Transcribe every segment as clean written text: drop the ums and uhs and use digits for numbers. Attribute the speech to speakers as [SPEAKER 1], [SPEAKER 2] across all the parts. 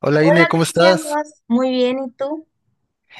[SPEAKER 1] Hola Ine,
[SPEAKER 2] Hola
[SPEAKER 1] ¿cómo
[SPEAKER 2] Cristian, ¿cómo
[SPEAKER 1] estás?
[SPEAKER 2] vas? Muy bien, ¿y tú?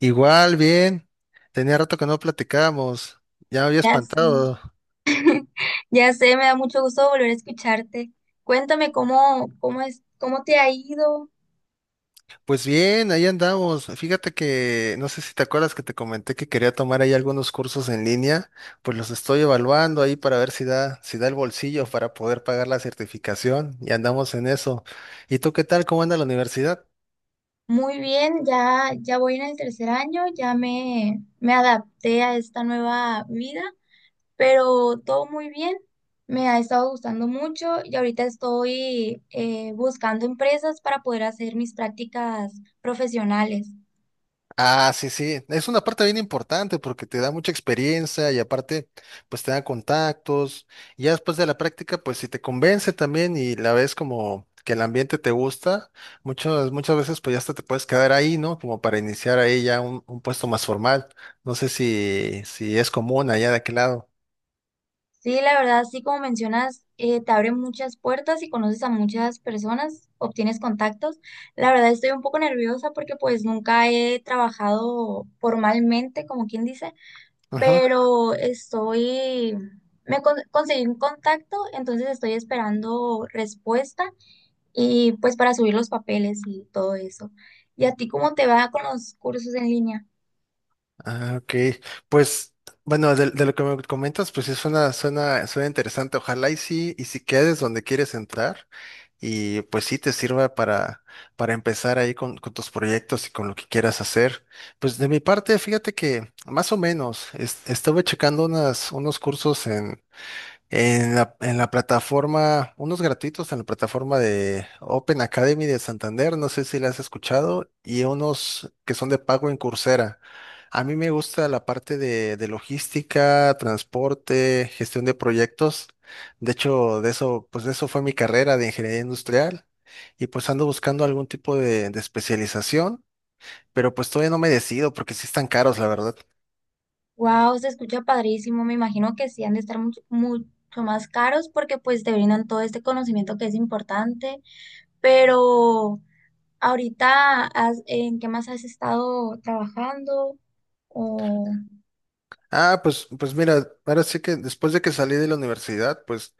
[SPEAKER 1] Igual, bien. Tenía rato que no platicábamos. Ya me había
[SPEAKER 2] Ya sé,
[SPEAKER 1] espantado.
[SPEAKER 2] ya sé, me da mucho gusto volver a escucharte. Cuéntame cómo es, cómo te ha ido.
[SPEAKER 1] Pues bien, ahí andamos. Fíjate que no sé si te acuerdas que te comenté que quería tomar ahí algunos cursos en línea. Pues los estoy evaluando ahí para ver si da el bolsillo para poder pagar la certificación. Y andamos en eso. ¿Y tú qué tal? ¿Cómo anda la universidad?
[SPEAKER 2] Muy bien, ya voy en el tercer año, me adapté a esta nueva vida, pero todo muy bien. Me ha estado gustando mucho y ahorita estoy buscando empresas para poder hacer mis prácticas profesionales.
[SPEAKER 1] Ah, sí, sí. Es una parte bien importante porque te da mucha experiencia y aparte, pues te da contactos. Y ya después de la práctica, pues si te convence también y la ves como que el ambiente te gusta, muchas, muchas veces pues ya hasta te puedes quedar ahí, ¿no? Como para iniciar ahí ya un puesto más formal. No sé si es común allá de aquel lado.
[SPEAKER 2] Sí, la verdad, sí, como mencionas, te abre muchas puertas y conoces a muchas personas, obtienes contactos. La verdad, estoy un poco nerviosa porque pues nunca he trabajado formalmente, como quien dice, pero estoy, conseguí un contacto, entonces estoy esperando respuesta y pues para subir los papeles y todo eso. ¿Y a ti cómo te va con los cursos en línea?
[SPEAKER 1] Ah, ok. Pues, bueno, de lo que me comentas, pues sí suena interesante. Ojalá y sí, y si quedes donde quieres entrar, y pues sí te sirva para empezar ahí con tus proyectos y con lo que quieras hacer. Pues de mi parte, fíjate que más o menos, estuve checando unos cursos en la plataforma, unos gratuitos en la plataforma de Open Academy de Santander, no sé si la has escuchado, y unos que son de pago en Coursera. A mí me gusta la parte de logística, transporte, gestión de proyectos. De hecho, de eso fue mi carrera de ingeniería industrial, y pues ando buscando algún tipo de especialización, pero pues todavía no me decido porque sí están caros, la verdad.
[SPEAKER 2] Wow, se escucha padrísimo. Me imagino que sí han de estar mucho, mucho más caros porque pues te brindan todo este conocimiento que es importante. Pero ahorita, ¿en qué más has estado trabajando? O
[SPEAKER 1] Ah, pues mira, ahora sí que después de que salí de la universidad, pues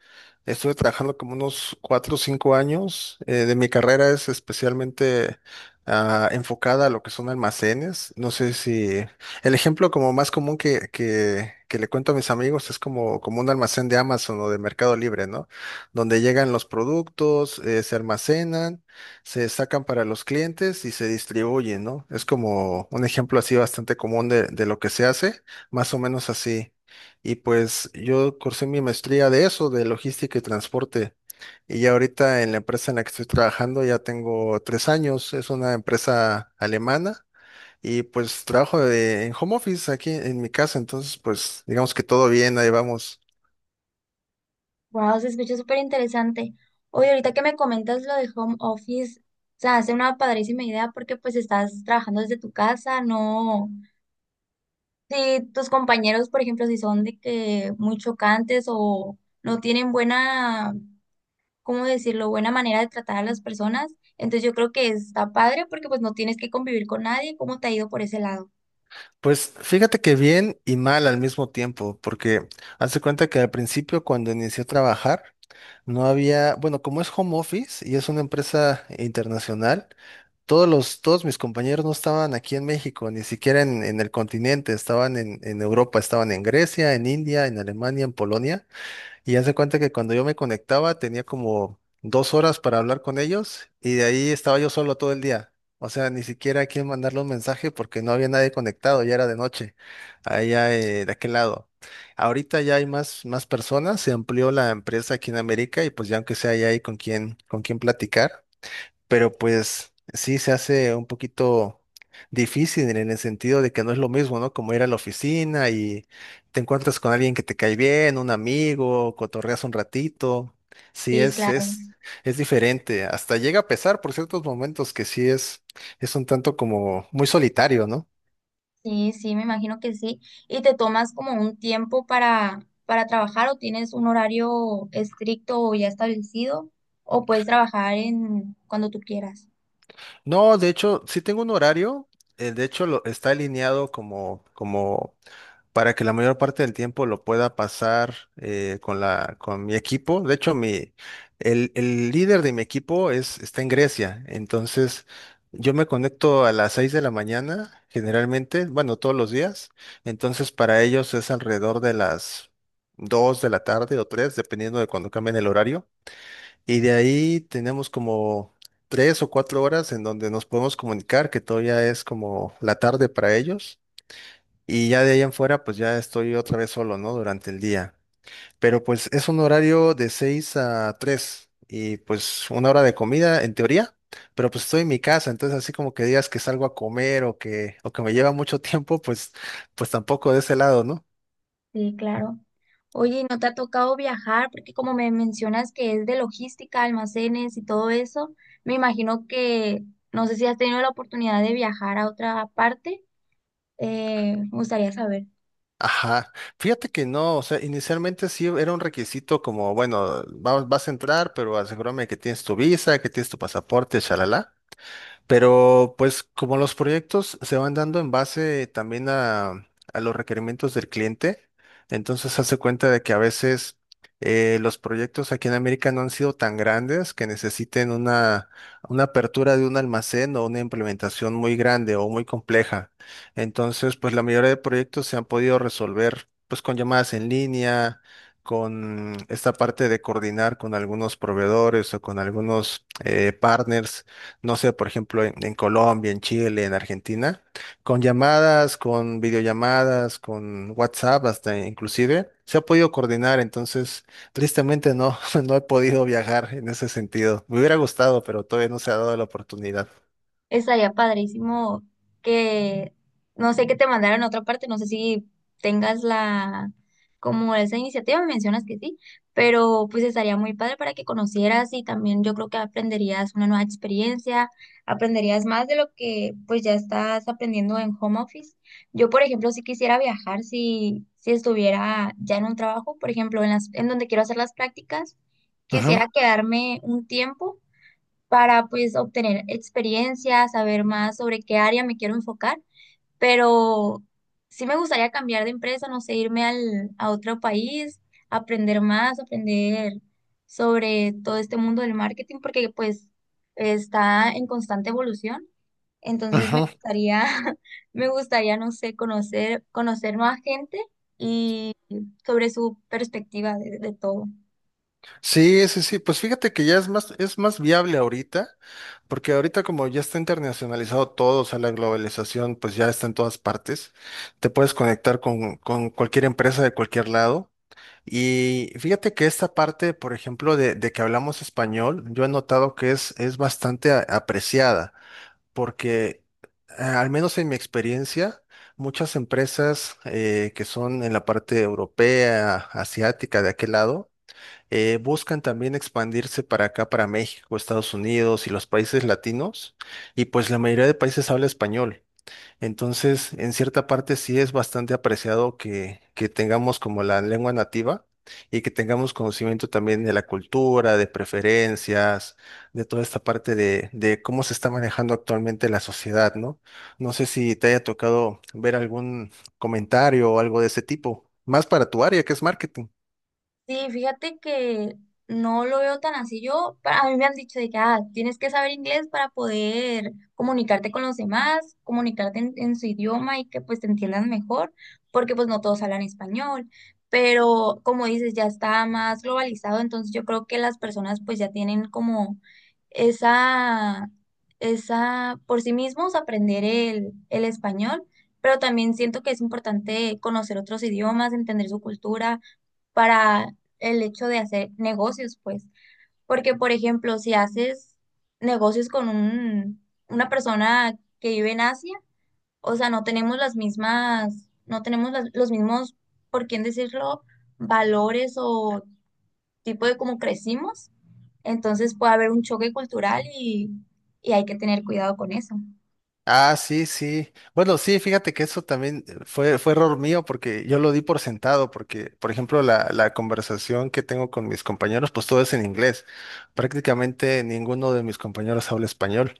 [SPEAKER 1] estuve trabajando como unos 4 o 5 años. De mi carrera es especialmente enfocada a lo que son almacenes. No sé si el ejemplo como más común que le cuento a mis amigos es como un almacén de Amazon o de Mercado Libre, ¿no? Donde llegan los productos, se almacenan, se sacan para los clientes y se distribuyen, ¿no? Es como un ejemplo así bastante común de lo que se hace. Más o menos así. Y pues yo cursé mi maestría de eso, de logística y transporte. Y ya ahorita en la empresa en la que estoy trabajando ya tengo 3 años. Es una empresa alemana y pues trabajo en home office aquí en mi casa. Entonces pues digamos que todo bien, ahí vamos.
[SPEAKER 2] wow, se escucha súper interesante. Oye, ahorita que me comentas lo de home office, se hace una padrísima idea porque pues estás trabajando desde tu casa, no. Si tus compañeros, por ejemplo, si son de que muy chocantes o no tienen buena ¿cómo decirlo?, buena manera de tratar a las personas. Entonces yo creo que está padre porque pues no tienes que convivir con nadie. ¿Cómo te ha ido por ese lado?
[SPEAKER 1] Pues fíjate que bien y mal al mismo tiempo, porque hace cuenta que al principio cuando inicié a trabajar no había, bueno, como es home office y es una empresa internacional, todos mis compañeros no estaban aquí en México, ni siquiera en el continente, estaban en Europa, estaban en Grecia, en India, en Alemania, en Polonia, y hace cuenta que cuando yo me conectaba tenía como 2 horas para hablar con ellos, y de ahí estaba yo solo todo el día. O sea, ni siquiera a quién mandarle un mensaje porque no había nadie conectado, ya era de noche, allá de aquel lado. Ahorita ya hay más personas, se amplió la empresa aquí en América y pues ya aunque sea ya hay con quién platicar, pero pues sí se hace un poquito difícil en el sentido de que no es lo mismo, ¿no? Como ir a la oficina y te encuentras con alguien que te cae bien, un amigo, cotorreas un ratito. Sí,
[SPEAKER 2] Sí,
[SPEAKER 1] es,
[SPEAKER 2] claro.
[SPEAKER 1] es, es diferente. Hasta llega a pesar por ciertos momentos que sí es un tanto como muy solitario, ¿no?
[SPEAKER 2] Sí, sí, me imagino que sí. ¿Y te tomas como un tiempo para trabajar o tienes un horario estricto o ya establecido o puedes trabajar en cuando tú quieras?
[SPEAKER 1] No, de hecho, sí tengo un horario. De hecho, está alineado como para que la mayor parte del tiempo lo pueda pasar con mi equipo. De hecho, el líder de mi equipo está en Grecia. Entonces, yo me conecto a las 6 de la mañana, generalmente, bueno, todos los días. Entonces, para ellos es alrededor de las 2 de la tarde o 3, dependiendo de cuando cambien el horario. Y de ahí tenemos como 3 o 4 horas en donde nos podemos comunicar, que todavía es como la tarde para ellos, y ya de ahí en fuera, pues ya estoy otra vez solo, ¿no? Durante el día. Pero pues es un horario de 6 a 3 y pues una hora de comida en teoría, pero pues estoy en mi casa, entonces así como que digas que salgo a comer o que, me lleva mucho tiempo, pues, pues tampoco de ese lado, ¿no?
[SPEAKER 2] Sí, claro. Oye, ¿y ¿no te ha tocado viajar? Porque como me mencionas que es de logística, almacenes y todo eso, me imagino que no sé si has tenido la oportunidad de viajar a otra parte. Me gustaría saber.
[SPEAKER 1] Ajá, fíjate que no, o sea, inicialmente sí era un requisito como, bueno, vas a entrar, pero asegúrame que tienes tu visa, que tienes tu pasaporte, shalala. Pero pues como los proyectos se van dando en base también a los requerimientos del cliente, entonces hace cuenta de que a veces los proyectos aquí en América no han sido tan grandes que necesiten una apertura de un almacén o una implementación muy grande o muy compleja. Entonces, pues la mayoría de proyectos se han podido resolver pues con llamadas en línea, con esta parte de coordinar con algunos proveedores o con algunos partners, no sé, por ejemplo, en Colombia, en Chile, en Argentina, con llamadas, con videollamadas, con WhatsApp, hasta inclusive, se ha podido coordinar, entonces, tristemente no, no he podido viajar en ese sentido. Me hubiera gustado, pero todavía no se ha dado la oportunidad.
[SPEAKER 2] Estaría padrísimo que, no sé, que te mandaran a otra parte, no sé si tengas la, como esa iniciativa, me mencionas que sí, pero pues estaría muy padre para que conocieras y también yo creo que aprenderías una nueva experiencia, aprenderías más de lo que pues ya estás aprendiendo en home office. Yo, por ejemplo, si quisiera viajar, si estuviera ya en un trabajo, por ejemplo, en donde quiero hacer las prácticas,
[SPEAKER 1] Ujú,
[SPEAKER 2] quisiera quedarme un tiempo para pues obtener experiencia, saber más sobre qué área me quiero enfocar, pero sí me gustaría cambiar de empresa, no sé, a otro país, aprender más, aprender sobre todo este mundo del marketing, porque pues está en constante evolución, entonces me
[SPEAKER 1] ujú.
[SPEAKER 2] gustaría, me gustaría, no sé, conocer más gente y sobre su perspectiva de todo.
[SPEAKER 1] Sí, sí, sí, pues fíjate que ya es más viable ahorita, porque ahorita como ya está internacionalizado todo, o sea, la globalización pues ya está en todas partes, te puedes conectar con cualquier empresa de cualquier lado. Y fíjate que esta parte, por ejemplo, de que hablamos español, yo he notado que es bastante apreciada, porque al menos en mi experiencia, muchas empresas que son en la parte europea, asiática, de aquel lado, buscan también expandirse para acá, para México, Estados Unidos y los países latinos, y pues la mayoría de países habla español. Entonces, en cierta parte sí es bastante apreciado que tengamos como la lengua nativa y que tengamos conocimiento también de la cultura, de preferencias, de toda esta parte de cómo se está manejando actualmente la sociedad, ¿no? No sé si te haya tocado ver algún comentario o algo de ese tipo, más para tu área que es marketing.
[SPEAKER 2] Sí, fíjate que no lo veo tan así. Yo, a mí me han dicho de que ah, tienes que saber inglés para poder comunicarte con los demás, comunicarte en su idioma y que pues te entiendan mejor, porque pues no todos hablan español. Pero como dices, ya está más globalizado, entonces yo creo que las personas pues ya tienen como esa, esa, por sí mismos aprender el español, pero también siento que es importante conocer otros idiomas, entender su cultura para el hecho de hacer negocios, pues. Porque, por ejemplo, si haces negocios con una persona que vive en Asia, o sea, no tenemos las mismas, no tenemos los mismos, por quién decirlo, valores o tipo de cómo crecimos. Entonces puede haber un choque cultural y hay que tener cuidado con eso.
[SPEAKER 1] Ah, sí, sí. Bueno, sí, fíjate que eso también fue error mío porque yo lo di por sentado, porque, por ejemplo, la conversación que tengo con mis compañeros, pues todo es en inglés. Prácticamente ninguno de mis compañeros habla español.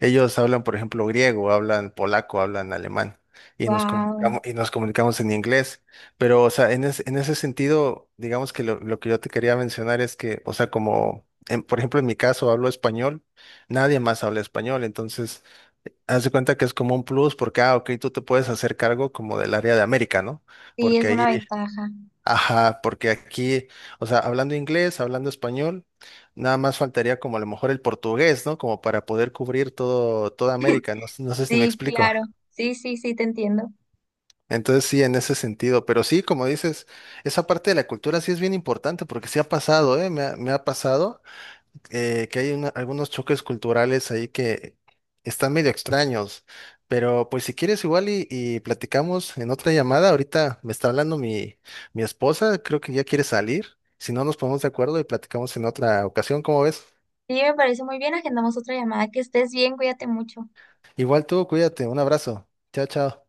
[SPEAKER 1] Ellos hablan, por ejemplo, griego, hablan polaco, hablan alemán, y nos
[SPEAKER 2] Wow,
[SPEAKER 1] comunicamos, y nos comunicamos en inglés. Pero, o sea, en ese sentido, digamos que lo que yo te quería mencionar es que, o sea, como, por ejemplo, en mi caso hablo español, nadie más habla español, entonces. Haz de cuenta que es como un plus porque, ah, ok, tú te puedes hacer cargo como del área de América, ¿no?
[SPEAKER 2] sí,
[SPEAKER 1] Porque
[SPEAKER 2] es una
[SPEAKER 1] ahí,
[SPEAKER 2] ventaja.
[SPEAKER 1] ajá, porque aquí, o sea, hablando inglés, hablando español, nada más faltaría como a lo mejor el portugués, ¿no? Como para poder cubrir todo, toda América, no, no sé si me
[SPEAKER 2] Sí, claro.
[SPEAKER 1] explico.
[SPEAKER 2] Sí, sí, sí, te entiendo.
[SPEAKER 1] Entonces sí, en ese sentido, pero sí, como dices, esa parte de la cultura sí es bien importante porque sí ha pasado, ¿eh? Me ha pasado que hay algunos choques culturales ahí que están medio extraños, pero pues si quieres igual y platicamos en otra llamada, ahorita me está hablando mi esposa, creo que ya quiere salir, si no nos ponemos de acuerdo y platicamos en otra ocasión, ¿cómo ves?
[SPEAKER 2] Sí, me parece muy bien. Agendamos otra llamada. Que estés bien, cuídate mucho.
[SPEAKER 1] Igual tú, cuídate, un abrazo, chao, chao.